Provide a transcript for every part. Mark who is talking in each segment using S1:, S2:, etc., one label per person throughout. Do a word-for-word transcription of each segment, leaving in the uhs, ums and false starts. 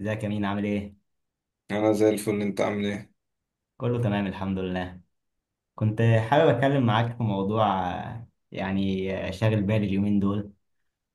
S1: ازيك يا مين؟ عامل ايه؟
S2: انا زي الفل. انت عامل ايه؟
S1: كله تمام الحمد لله. كنت حابب اتكلم معاك في موضوع آه، يعني آه، شاغل بالي اليومين دول.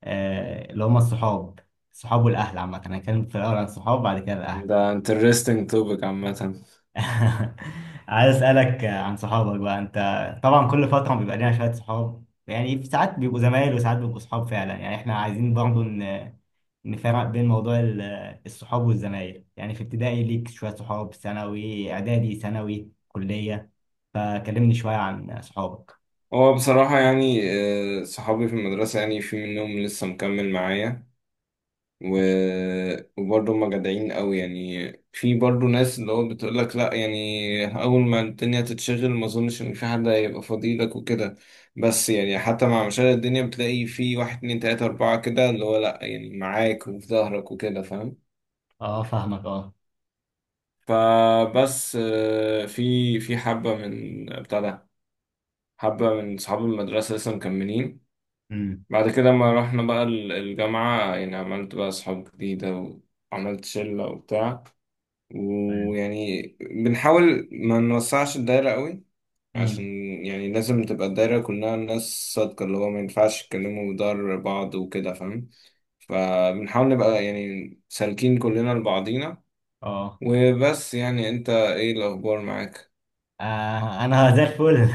S1: آه، اللي هما الصحاب. الصحاب والاهل عامة، انا هتكلم في الاول عن الصحاب بعد كده الاهل.
S2: ده interesting topic عامة.
S1: عايز اسالك عن صحابك بقى انت. طبعا كل فتره بيبقى لنا شويه صحاب، يعني في ساعات بيبقوا زمايل وساعات بيبقوا صحاب فعلا. يعني احنا عايزين برضو ن- نفرق بين موضوع ال- الصحاب والزمايل. يعني في ابتدائي ليك شويه صحاب، ثانوي اعدادي ثانوي كليه. فكلمني شويه عن صحابك.
S2: هو بصراحة يعني آه، صحابي في المدرسة، يعني في منهم لسه مكمل معايا، و... وبرضه هما جدعين قوي. يعني في برضه ناس اللي هو بتقولك لا، يعني أول ما الدنيا تتشغل ما أظنش إن في حد هيبقى فضيلك وكده. بس يعني حتى مع مشاغل الدنيا بتلاقي في واحد اتنين تلاتة أربعة كده اللي هو لا يعني معاك وفي ظهرك وكده، فاهم؟
S1: اه فاهمك، اه.
S2: فبس آه، في في حبة من بتاع ده، حبة من صحاب المدرسة لسه مكملين.
S1: امم.
S2: بعد كده ما رحنا بقى ال- الجامعة يعني عملت بقى صحاب جديدة، وعملت شلة وبتاع.
S1: تمام.
S2: ويعني بنحاول ما نوسعش الدايرة قوي، عشان
S1: امم.
S2: يعني لازم تبقى الدايرة كلها ناس صادقة، اللي هو ما ينفعش يتكلموا ضر بعض وكده، فاهم؟ فبنحاول نبقى يعني سالكين كلنا لبعضينا.
S1: اه.
S2: وبس، يعني انت ايه الأخبار معاك؟
S1: آه، انا زي الفل.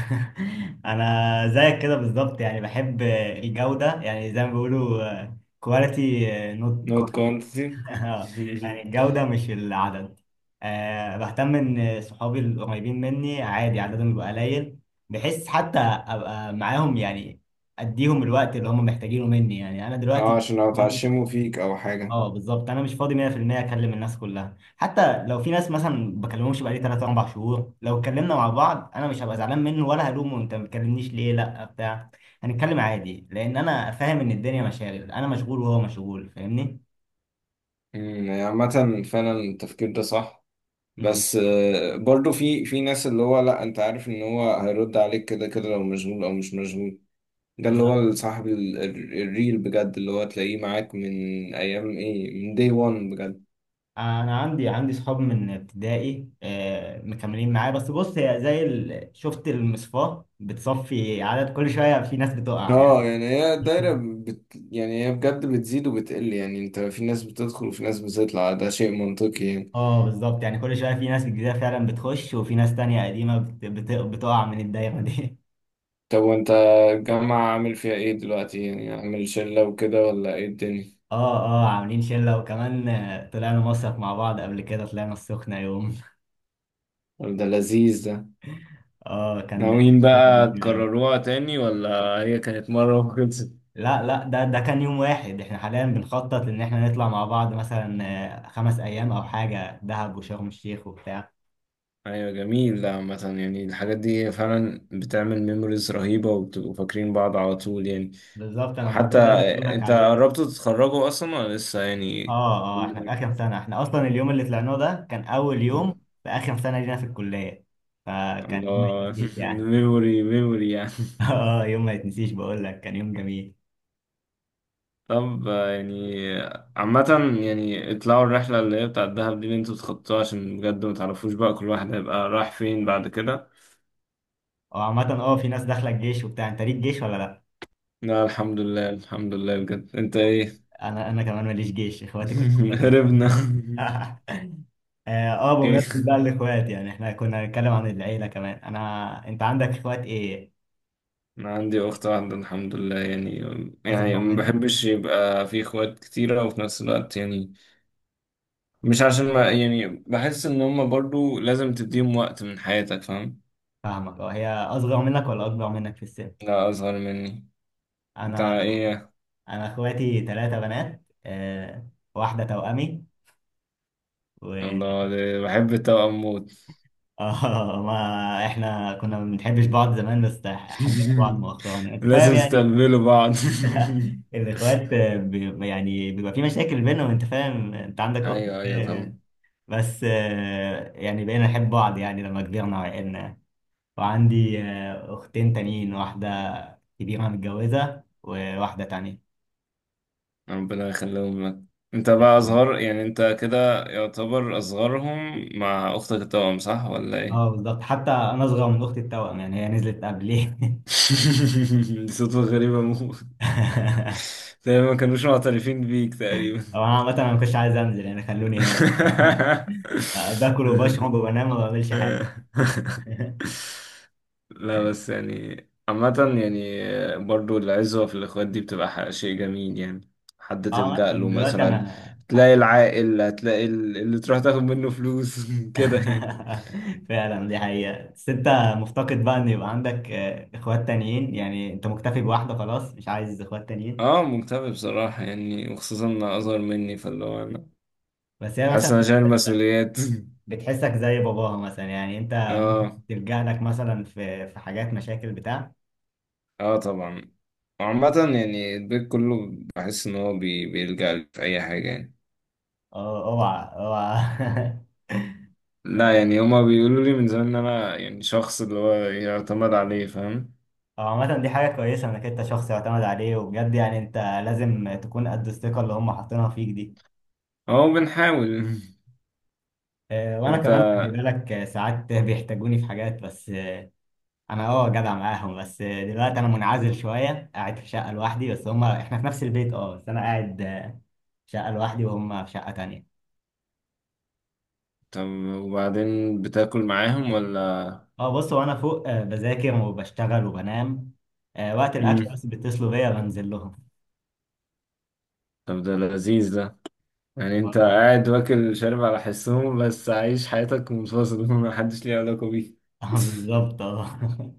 S1: انا زيك كده بالظبط، يعني بحب الجودة يعني زي ما بيقولوا كواليتي نوت.
S2: Not quantity.
S1: يعني الجودة مش العدد. أه، بهتم ان صحابي القريبين مني عادي عددهم يبقى قليل. بحس حتى ابقى معاهم، يعني اديهم الوقت اللي هم محتاجينه مني. يعني انا
S2: اه،
S1: دلوقتي،
S2: عشان لو اتعشموا فيك أو حاجة.
S1: اه بالظبط، انا مش فاضي مية في المية اكلم الناس كلها. حتى لو في ناس مثلا بكلمهمش بقالي ثلاثة أربعة شهور، لو اتكلمنا مع بعض انا مش هبقى زعلان منه، ولا هلومه انت ما بتكلمنيش ليه لا بتاع، هنتكلم عادي، لان انا فاهم ان الدنيا مشاغل، انا مشغول وهو مشغول فاهمني.
S2: مم، يعني عامة فعلا التفكير ده صح.
S1: امم.
S2: بس آه، برضو في في ناس اللي هو لا، انت عارف ان هو هيرد عليك كده كده، لو مشغول او مش مشغول. ده اللي
S1: ما-
S2: هو صاحب ال- ال- الريل بجد، اللي هو تلاقيه معاك من ايام ايه، من داي واحد بجد.
S1: انا عندي عندي صحاب من ابتدائي آه، مكملين معايا، بس بص هي زي ال- شفت المصفاة بتصفي عدد كل شوية في ناس بتقع يعني.
S2: اه يعني هي الدايرة بت، يعني هي بجد بتزيد وبتقل، يعني انت في ناس بتدخل وفي ناس بتطلع، ده شيء منطقي يعني.
S1: اه بالظبط. يعني كل شويه في ناس جديده فعلا بتخش وفي ناس تانية قديمه بت- بت- بتقع من الدايره دي.
S2: طب وانت الجامعة عامل فيها ايه دلوقتي؟ يعني عامل شلة وكده ولا ايه الدنيا؟
S1: اه اه، عاملين شله، وكمان آه، طلعنا مصيف مع بعض قبل كده، طلعنا السخنه يوم.
S2: ولا ده لذيذ ده؟
S1: اه كان كان
S2: ناويين
S1: يوم
S2: بقى
S1: جميل قوي.
S2: تكرروها تاني ولا هي كانت مرة وخلصت؟
S1: لا لا، ده ده كان يوم واحد. احنا حاليا بنخطط ان احنا نطلع مع بعض مثلا آه، خمس ايام او حاجه، دهب وشرم الشيخ وبتاع.
S2: أيوة جميل. لا مثلا يعني الحاجات دي فعلا بتعمل ميموريز رهيبة، وبتبقوا فاكرين بعض على طول يعني.
S1: بالظبط، انا
S2: وحتى
S1: الموضوع ده اللي بقول لك
S2: أنت
S1: عليه.
S2: قربتوا تتخرجوا أصلا ولا لسه يعني؟
S1: اه اه، احنا في اخر سنه. احنا اصلا اليوم اللي طلعناه ده كان اول يوم في اخر سنه لينا في الكليه، فكان يوم ما
S2: الله.
S1: يتنسيش يعني.
S2: ميموري ميموري يعني.
S1: اه، يوم ما يتنسيش بقول لك، كان يوم جميل.
S2: طب آه، يعني عامة، يعني اطلعوا الرحلة اللي هي بتاعت الدهب دي اللي انتوا تخطوها، عشان بجد ما تعرفوش بقى كل واحد هيبقى رايح فين بعد كده.
S1: وعامه اه، في ناس داخله الجيش وبتاع، انت ليك جيش ولا لا؟
S2: لا الحمد لله، الحمد لله بجد. انت ايه؟
S1: انا انا كمان ماليش جيش، اخواتي كلهم بنات.
S2: هربنا.
S1: اه آه،
S2: ايه.
S1: بمناسبه بقى الاخوات، يعني احنا كنا هنتكلم عن العيله كمان. انا، انت عندك اخوات ايه؟
S2: انا عندي اخت واحده الحمد لله يعني. يعني
S1: اصغر
S2: ما
S1: منك؟
S2: بحبش يبقى في اخوات كتيره وفي نفس الوقت يعني، مش عشان ما يعني بحس ان هما برضو لازم تديهم وقت من حياتك، فاهم؟
S1: فاهمك اه، هي اصغر منك ولا اكبر منك في السن؟
S2: لا اصغر مني. انت
S1: انا
S2: ايه؟
S1: انا اخواتي ثلاثة بنات. آه، واحدة توأمي، و...
S2: الله، ده بحب التوأم موت.
S1: اه، ما احنا كنا ما بنحبش بعض زمان بس حبينا بعض مؤخرا، يعني انت فاهم
S2: لازم
S1: يعني.
S2: تستقبلوا بعض.
S1: الاخوات آه، بي... يعني بيبقى في مشاكل بينهم، انت فاهم، انت عندك اخت،
S2: ايوه ايوه
S1: فاهم يعني.
S2: طبعا.
S1: بس آه، يعني بقينا نحب بعض يعني لما كبرنا وعقلنا. وعندي آه، اختين تانيين، واحدة كبيرة متجوزة وواحدة تانية.
S2: ربنا يخليهم لك. انت بقى اصغر، يعني انت كده يعتبر اصغرهم مع اختك التوأم، صح ولا ايه؟
S1: اه بالظبط، حتى انا اصغر من اختي التوأم، يعني هي نزلت قبلي.
S2: دي صدفة غريبة موت. تقريبا ما كانوش معترفين بيك تقريبا.
S1: هو انا عامة انا ما كنتش عايز انزل، يعني خلوني هنا. آه، باكل وبشرب وبنام وما بعملش حاجة.
S2: آه. لا بس يعني عامة، يعني آه، برضو العزوة في الإخوات دي بتبقى ح- شيء جميل يعني. حد
S1: اه
S2: تلجأ
S1: مثلا
S2: له
S1: دلوقتي
S2: مثلا،
S1: انا.
S2: تلاقي العاقل، هتلاقي ال- اللي تروح تاخد منه فلوس كده يعني.
S1: فعلا دي حقيقة. بس انت مفتقد بقى ان يبقى عندك آه، اخوات تانيين، يعني انت مكتفي بواحدة خلاص مش عايز اخوات تانيين؟
S2: اه مكتئب بصراحة، يعني وخصوصا إن أصغر مني، فاللي هو أنا
S1: بس هي مثلا
S2: حاسس إن أنا شايل
S1: بت-
S2: مسؤوليات.
S1: بتحسك زي باباها مثلا، يعني انت ممكن
S2: اه.
S1: تلجأ لك مثلا في في حاجات مشاكل بتاع.
S2: اه طبعا. وعامة يعني البيت كله بحس إن هو بي- بيلجأ لي في أي حاجة يعني.
S1: اه اوعى اوعى.
S2: لا يعني هما بيقولوا لي من زمان ان انا يعني شخص اللي هو يعتمد عليه، فاهم؟
S1: هو عامة دي حاجة كويسة انك انت شخص يعتمد عليه، وبجد يعني انت لازم تكون قد الثقة اللي هم حاطينها فيك دي.
S2: اهو بنحاول.
S1: آه، وانا
S2: انت
S1: كمان خلي بالك، آه، ساعات بيحتاجوني في حاجات بس، آه، انا اه جدع معاهم، بس آه، دلوقتي انا منعزل شوية قاعد في شقة لوحدي، بس هم احنا في نفس البيت. اه بس انا قاعد آه، في شقة لوحدي وهم في شقة تانية.
S2: طب وبعدين بتاكل معاهم ولا؟
S1: اه بص، وانا فوق آه، بذاكر وبشتغل وبنام. آه، وقت الاكل
S2: مم.
S1: بس بيتصلوا بيا بنزل لهم.
S2: طب ده لذيذ ده. يعني انت قاعد واكل شارب على حسهم، بس عايش حياتك منفصل محدش ليه علاقة بيك.
S1: آه، بالظبط اه.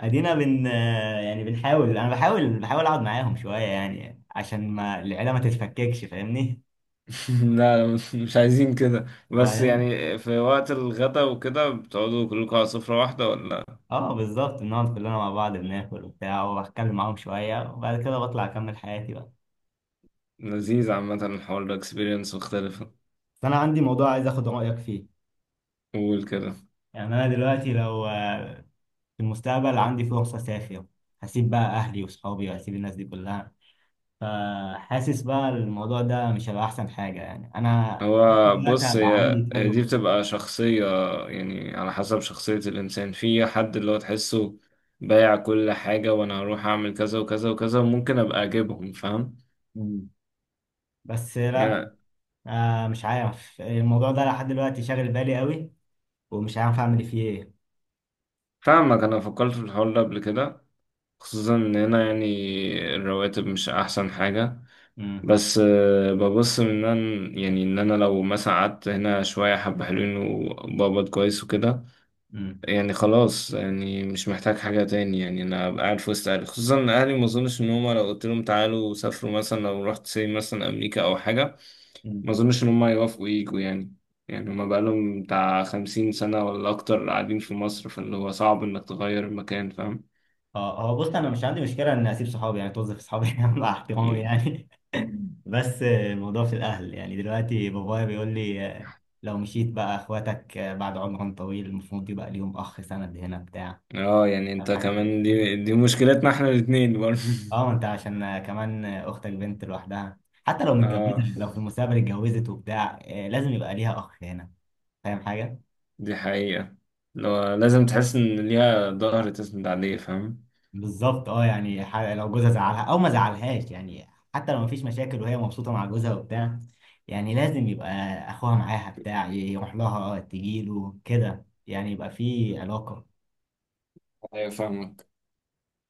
S1: ادينا بن آه، يعني بنحاول، انا بحاول بحاول اقعد معاهم شويه، يعني عشان ما العيله ما تتفككش فاهمني.
S2: لا مش مش عايزين كده. بس
S1: وبعدين
S2: يعني في وقت الغدا وكده بتقعدوا كلكم على سفرة واحدة ولا؟
S1: اه بالظبط، بنقعد كلنا مع بعض بناكل وبتاع وبتكلم معاهم شويه وبعد كده بطلع اكمل حياتي بقى.
S2: لذيذ. عامة الحوار ده اكسبيرينس مختلفة.
S1: بس انا عندي موضوع عايز اخد رايك فيه.
S2: قول كده.
S1: يعني انا دلوقتي لو آه، في المستقبل عندي فرصه اسافر، هسيب بقى اهلي وصحابي وهسيب الناس دي كلها، فحاسس بقى الموضوع ده مش هيبقى احسن حاجه. يعني انا
S2: هو
S1: دلوقتي
S2: بص،
S1: هبقى عندي
S2: هي
S1: تريد
S2: هي دي
S1: اوف.
S2: بتبقى شخصية، يعني على حسب شخصية الإنسان. في حد اللي هو تحسه بايع كل حاجة، وأنا هروح أعمل كذا وكذا وكذا، وممكن أبقى أجيبهم، فاهم
S1: بس لا،
S2: يعني؟
S1: آه مش عارف، الموضوع ده لحد دلوقتي شاغل بالي قوي ومش عارف اعمل فيه ايه.
S2: فاهمك، أنا فكرت في الحوار ده قبل كده. خصوصا إن هنا يعني الرواتب مش أحسن حاجة.
S1: امم.
S2: بس آه، ببص من إن أنا، يعني إن أنا لو مثلا قعدت هنا شوية، حبة حلوين وبقبض كويس وكده،
S1: امم.
S2: يعني خلاص يعني مش محتاج حاجة تاني. يعني أنا أبقى قاعد في وسط أهلي، خصوصا إن أهلي ما أظنش إن هما لو قلت لهم تعالوا سافروا مثلا، لو رحت سي مثلا أمريكا أو حاجة،
S1: امم.
S2: ما أظنش إن هما يوافقوا ييجوا يعني. يعني هما بقالهم بتاع خمسين سنة ولا أكتر قاعدين في مصر، فاللي هو صعب إنك تغير المكان، فاهم؟
S1: اه هو بص، انا مش عندي مشكله ان اسيب صحابي، يعني توظف صحابي. مع احترامي
S2: مم.
S1: يعني. بس آه، الموضوع في الاهل. يعني دلوقتي بابايا بيقول لي آه، لو مشيت بقى اخواتك آه، بعد عمر طويل المفروض يبقى ليهم اخ سند هنا بتاع،
S2: اه يعني
S1: فاهم
S2: انت
S1: حاجه زي
S2: كمان
S1: كده.
S2: دي دي مشكلتنا احنا الاتنين برضه.
S1: اه انت، عشان آه، كمان آه، اختك بنت لوحدها، حتى لو متجوزه،
S2: اه
S1: لو في المستقبل اتجوزت وبتاع آه، لازم يبقى ليها اخ هنا، فاهم حاجه.
S2: دي حقيقة. لو لازم تحس إن ليها ظهر تسند عليه، فاهم.
S1: بالظبط اه، يعني ح- لو جوزها زعلها او ما زعلهاش، يعني حتى لو مفيش مشاكل وهي مبسوطه مع جوزها وبتاع، يعني لازم يبقى اخوها معاها بتاع، يروح لها تجيله كده يعني يبقى في علاقه.
S2: أيوة فاهمك.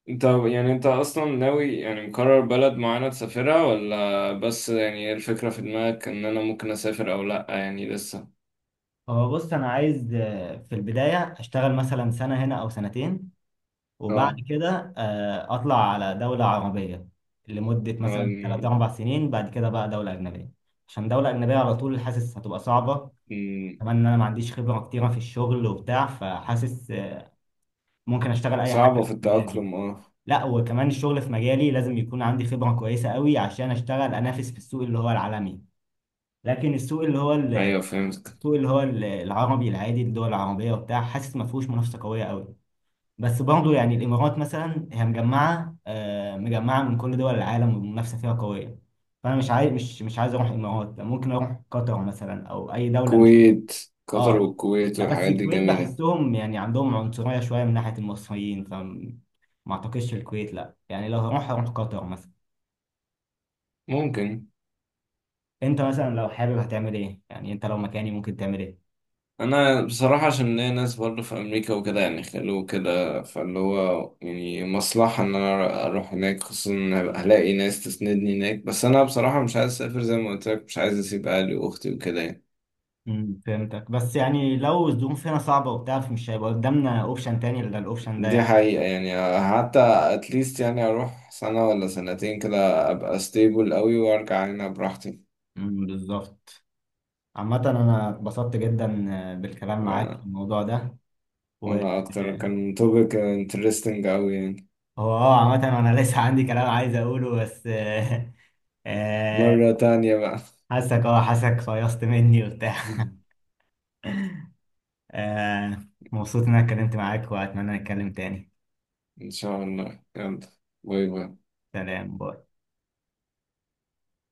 S2: انت يعني انت اصلا ناوي، يعني مقرر بلد معينة تسافرها، ولا بس يعني ايه الفكرة في دماغك؟ ان انا ممكن اسافر او لا يعني لسه.
S1: هو بص، انا عايز آه، في البدايه اشتغل مثلا سنه هنا او سنتين، وبعد
S2: اه.
S1: كده آه، اطلع على دوله عربيه لمده مثلا تلات
S2: ن-
S1: اربع سنين، بعد كده بقى دوله اجنبيه، عشان دوله اجنبيه على طول حاسس هتبقى صعبه،
S2: ن-
S1: كمان ان انا ما عنديش خبره كتيره في الشغل وبتاع فحاسس ممكن اشتغل اي حاجه
S2: صعبة في
S1: في مجالي.
S2: التأقلم اه.
S1: لا، وكمان الشغل في مجالي لازم يكون عندي خبره كويسه قوي عشان اشتغل انافس في السوق اللي هو العالمي. لكن السوق اللي هو ال-
S2: ايوه فهمت.
S1: السوق اللي هو ال- العربي العادي، الدول العربيه وبتاع، حاسس ما فيهوش منافسه قويه قوي. بس برضه يعني الامارات مثلا هي مجمعه آه، مجمعه من كل دول العالم والمنافسه فيها قويه. فانا مش عايز مش مش عايز اروح الامارات، ممكن اروح قطر مثلا او اي دوله، مش.
S2: الكويت، قطر
S1: اه
S2: والكويت
S1: لا، بس
S2: والحاجات دي
S1: الكويت
S2: جميلة.
S1: بحسهم يعني عندهم عنصرية شوية من ناحية المصريين، فما اعتقدش الكويت، لا يعني لو هروح هروح قطر مثلا.
S2: ممكن.
S1: انت مثلا لو حابب هتعمل ايه، يعني انت لو مكاني ممكن تعمل ايه؟
S2: انا بصراحه عشان ليا ناس برضه في امريكا وكده، يعني خلوه كده، فاللي هو يعني مصلحه ان انا اروح هناك، خصوصا ان هبقى هلاقي ناس تسندني هناك. بس انا بصراحه مش عايز اسافر، زي ما قلت لك مش عايز اسيب اهلي واختي وكده يعني.
S1: امم فهمتك. بس يعني لو الظروف هنا صعبة وبتاع فمش هيبقى قدامنا اوبشن تاني الا الاوبشن ده
S2: دي
S1: يعني.
S2: حقيقه يعني. حتى اتليست يعني اروح سنه ولا سنتين كده، ابقى ستيبل قوي وارجع هنا براحتي.
S1: امم بالظبط. عامة انا اتبسطت جدا بالكلام معاك في
S2: وانا
S1: الموضوع ده. و،
S2: وانا اكتر كان توبك انترستنج قوي يعني.
S1: هو اه عامة انا لسه عندي كلام عايز اقوله بس. آه،
S2: مره تانية بقى.
S1: حاسك اه حاسك فيصت مني وبتاع. آه. مبسوط ان انا اتكلمت معاك واتمنى نتكلم تاني.
S2: ان شاء الله، يلا، باي باي.
S1: سلام باي.